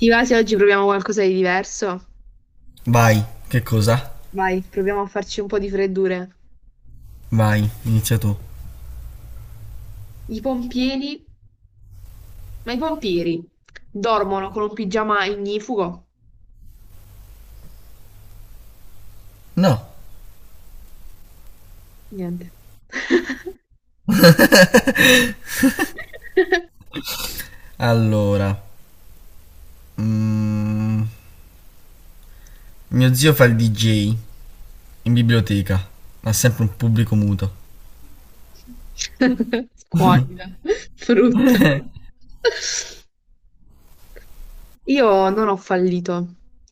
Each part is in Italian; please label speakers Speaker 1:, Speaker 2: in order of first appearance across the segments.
Speaker 1: Ti va se oggi proviamo qualcosa di diverso?
Speaker 2: Vai, che cosa?
Speaker 1: Vai, proviamo a farci un po' di freddure.
Speaker 2: Vai, inizia tu.
Speaker 1: I pompieri, ma i pompieri dormono con un pigiama ignifugo?
Speaker 2: No.
Speaker 1: Niente.
Speaker 2: Allora, mm, mio zio fa il DJ in biblioteca, ha sempre un pubblico muto.
Speaker 1: Squallida, brutto. Io non ho fallito,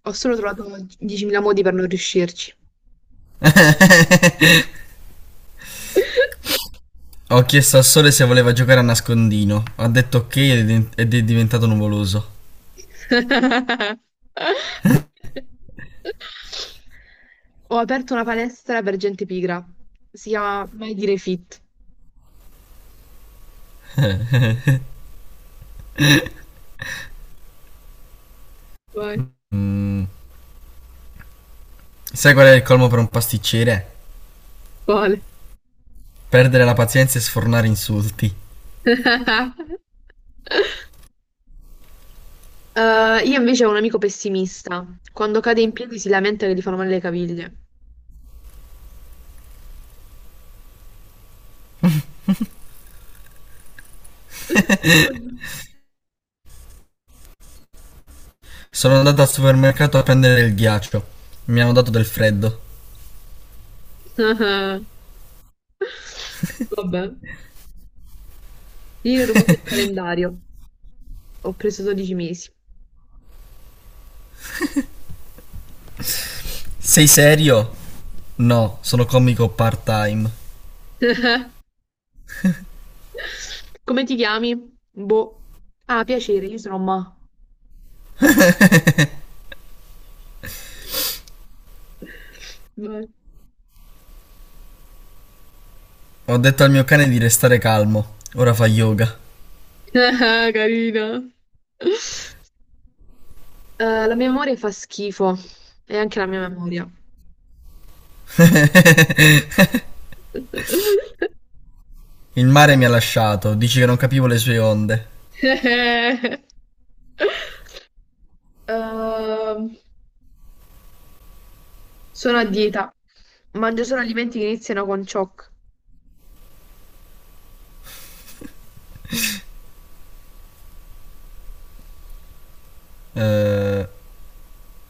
Speaker 1: ho solo trovato 10.000 modi per non riuscirci.
Speaker 2: Ho chiesto al sole se voleva giocare a nascondino, ha detto ok ed è diventato nuvoloso.
Speaker 1: Ho aperto una palestra per gente pigra. Si chiama Mai Dire Fit. Vai.
Speaker 2: Sai qual è il colmo per un pasticcere?
Speaker 1: Quale?
Speaker 2: Perdere la pazienza e sfornare insulti.
Speaker 1: Io invece ho un amico pessimista. Quando cade in piedi si lamenta che gli fanno male le caviglie.
Speaker 2: Sono andato al supermercato a prendere il ghiaccio, mi hanno dato del freddo.
Speaker 1: Vabbè. Io ho rubato il calendario. Ho preso 12 mesi.
Speaker 2: Sei serio? No, sono comico part-time.
Speaker 1: Come ti chiami? Boh. Ah, piacere, io sono Ma. Vai.
Speaker 2: Ho detto al mio cane di restare calmo. Ora fa yoga.
Speaker 1: Ah, Carina. La mia memoria fa schifo. E anche la mia memoria.
Speaker 2: Il mare mi ha lasciato, dici che non capivo le sue onde.
Speaker 1: Ehm, Sono a dieta. Mangio solo alimenti che iniziano con cioc.
Speaker 2: Eh,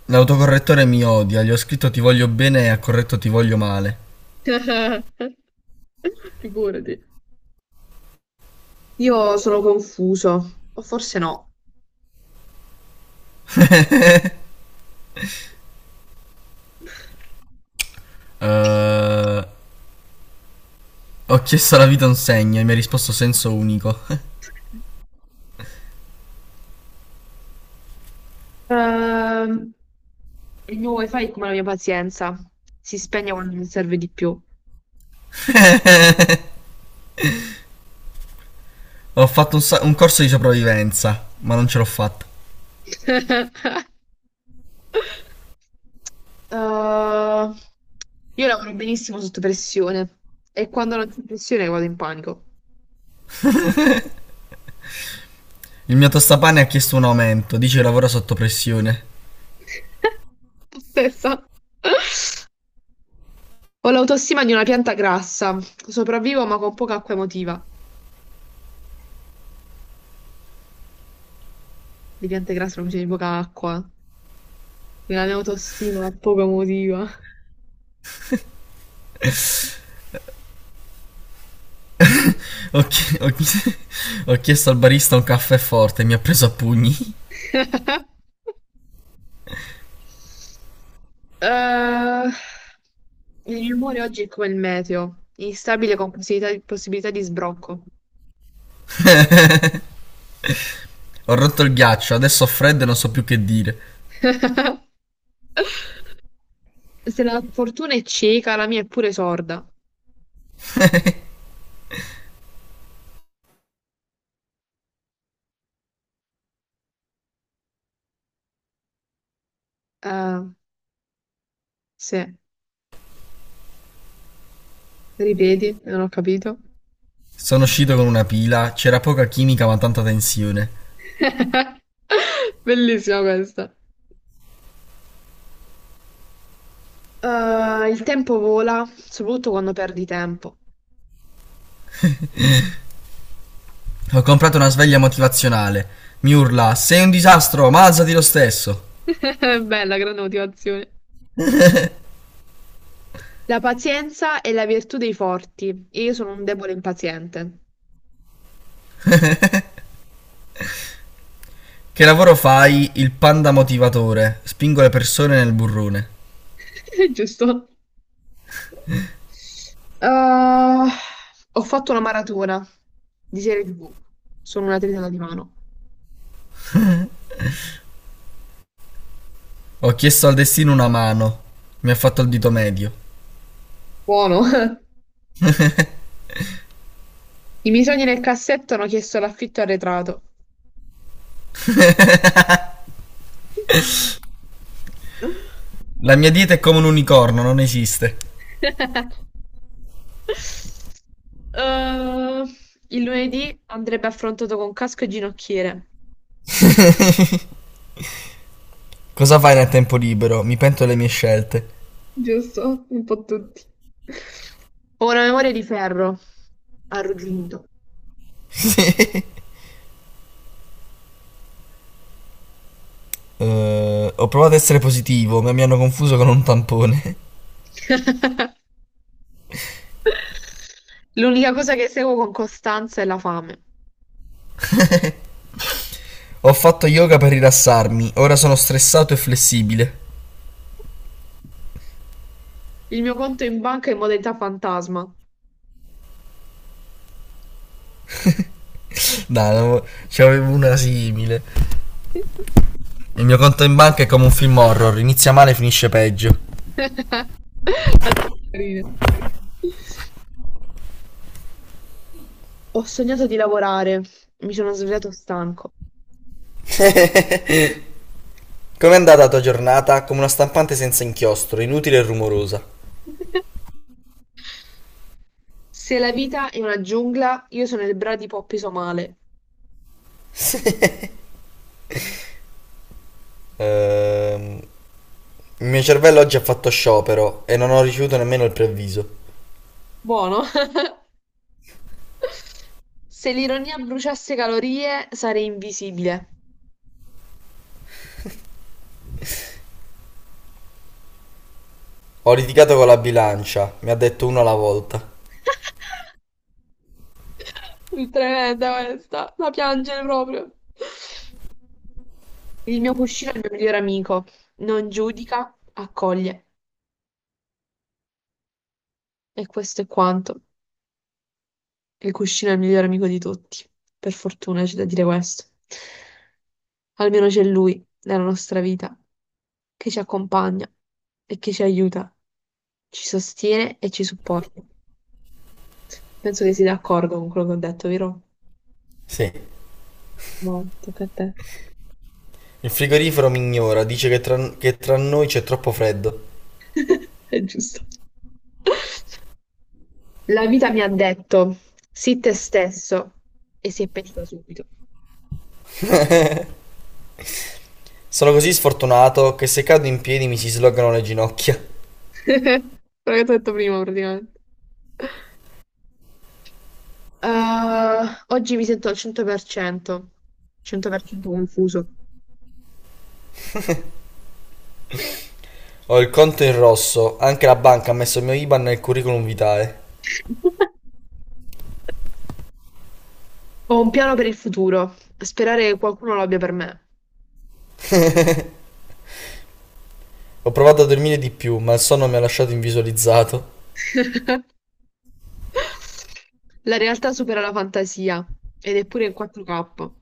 Speaker 2: l'autocorrettore mi odia, gli ho scritto ti voglio bene e ha corretto ti voglio male.
Speaker 1: Figurati. Io sono confuso. O forse no.
Speaker 2: Eh, ho chiesto alla vita un segno e mi ha risposto senso unico.
Speaker 1: Ehm, il mio wifi è come la mia pazienza. Si spegne quando mi serve di più.
Speaker 2: Ho fatto un corso di sopravvivenza, ma non ce l'ho fatta.
Speaker 1: Uh, io lavoro benissimo sotto pressione e quando non c'è pressione vado in panico.
Speaker 2: Il mio tostapane ha chiesto un aumento, dice che lavora sotto pressione.
Speaker 1: Stessa. Ho l'autostima di una pianta grassa, sopravvivo ma con poca acqua emotiva. Le piante grasse non bisogna di poca acqua, quindi la mia autostima poco emotiva.
Speaker 2: Ho, chi- ho chi- ho chiesto al barista un caffè forte e mi ha preso a pugni.
Speaker 1: Eh, il mio umore oggi è come il meteo, instabile con possibilità di sbrocco.
Speaker 2: Ho rotto il ghiaccio, adesso ho freddo e non so più che dire.
Speaker 1: Se la fortuna è cieca, la mia è pure sorda. Eh, sì, ripeti, non ho capito.
Speaker 2: Sono uscito con una pila, c'era poca chimica ma tanta tensione.
Speaker 1: Bellissima questa. Il tempo vola, soprattutto quando perdi tempo.
Speaker 2: Ho comprato una sveglia motivazionale. Mi urla: sei un disastro, ma alzati lo stesso.
Speaker 1: Bella, grande motivazione. La pazienza è la virtù dei forti, e io sono un debole impaziente.
Speaker 2: Che lavoro fai? Il panda motivatore. Spingo le persone nel burrone.
Speaker 1: Giusto. Eh, Ho fatto una maratona di serie TV. Sono una tritata di mano.
Speaker 2: Ho chiesto al destino una mano. Mi ha fatto il dito medio.
Speaker 1: Buono. I miei sogni nel cassetto hanno chiesto l'affitto arretrato.
Speaker 2: La mia dieta è come un unicorno, non esiste.
Speaker 1: Eh, il lunedì andrebbe affrontato con casco e ginocchiere.
Speaker 2: Cosa fai nel tempo libero? Mi pento delle mie scelte.
Speaker 1: Giusto? Un po' tutti. Ho una memoria di ferro, arrugginito.
Speaker 2: Ho provato a essere positivo, ma mi hanno confuso con un tampone.
Speaker 1: L'unica cosa che seguo con costanza è la fame.
Speaker 2: Ho fatto yoga per rilassarmi, ora sono stressato e flessibile.
Speaker 1: Il mio conto in banca è in modalità fantasma.
Speaker 2: Dai, no, ce n'avevo una simile. Il mio conto in banca è come un film horror, inizia male e finisce peggio.
Speaker 1: La tua carina. Ho sognato di lavorare, mi sono svegliato stanco.
Speaker 2: Com'è andata la tua giornata? Come una stampante senza inchiostro, inutile e rumorosa.
Speaker 1: Se la vita è una giungla, io sono il bradipo appeso male.
Speaker 2: Sì. Ehm, il mio cervello oggi ha fatto sciopero e non ho ricevuto nemmeno il preavviso.
Speaker 1: Buono. Se l'ironia bruciasse calorie, sarei invisibile.
Speaker 2: Ho litigato con la bilancia, mi ha detto uno alla volta.
Speaker 1: Tremenda questa, da piangere proprio. Il mio cuscino è il mio migliore amico. Non giudica, accoglie. E questo è quanto. Il cuscino è il migliore amico di tutti. Per fortuna c'è da dire questo. Almeno c'è lui nella nostra vita che ci accompagna e che ci aiuta, ci sostiene e ci supporta. Penso che sei d'accordo con quello che ho detto, vero?
Speaker 2: Sì.
Speaker 1: No, tocca a te.
Speaker 2: Il frigorifero mi ignora, dice che tra noi c'è troppo freddo.
Speaker 1: È giusto. La vita mi ha detto, sii te stesso, e si è pentita subito.
Speaker 2: Sono così sfortunato che se cado in piedi mi si slogano le ginocchia.
Speaker 1: Quello che ti ho detto prima, praticamente. Ah, oggi mi sento al 100%, 100% confuso.
Speaker 2: Ho il conto in rosso, anche la banca ha messo il mio IBAN nel curriculum vitale.
Speaker 1: Ho un piano per il futuro, sperare che qualcuno lo abbia per me.
Speaker 2: Ho provato a dormire di più, ma il sonno mi ha lasciato invisualizzato.
Speaker 1: La realtà supera la fantasia, ed è pure in 4K.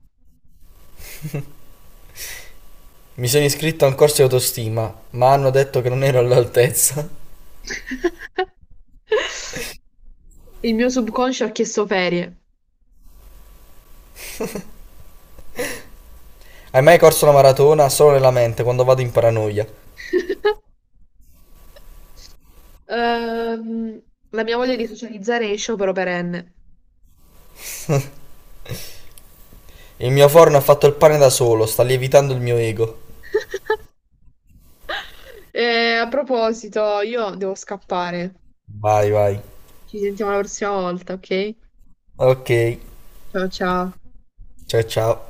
Speaker 2: Mi sono iscritto a un corso di autostima, ma hanno detto che non ero all'altezza.
Speaker 1: Il mio subconscio ha chiesto ferie.
Speaker 2: Hai mai corso la maratona solo nella mente quando vado in paranoia?
Speaker 1: Ehm, la mia voglia di socializzare è sciopero perenne.
Speaker 2: Il mio forno ha fatto il pane da solo, sta lievitando il mio ego.
Speaker 1: A proposito, io devo scappare.
Speaker 2: Vai, vai.
Speaker 1: Ci sentiamo la prossima volta, ok?
Speaker 2: Ok,
Speaker 1: Ciao ciao.
Speaker 2: ciao ciao.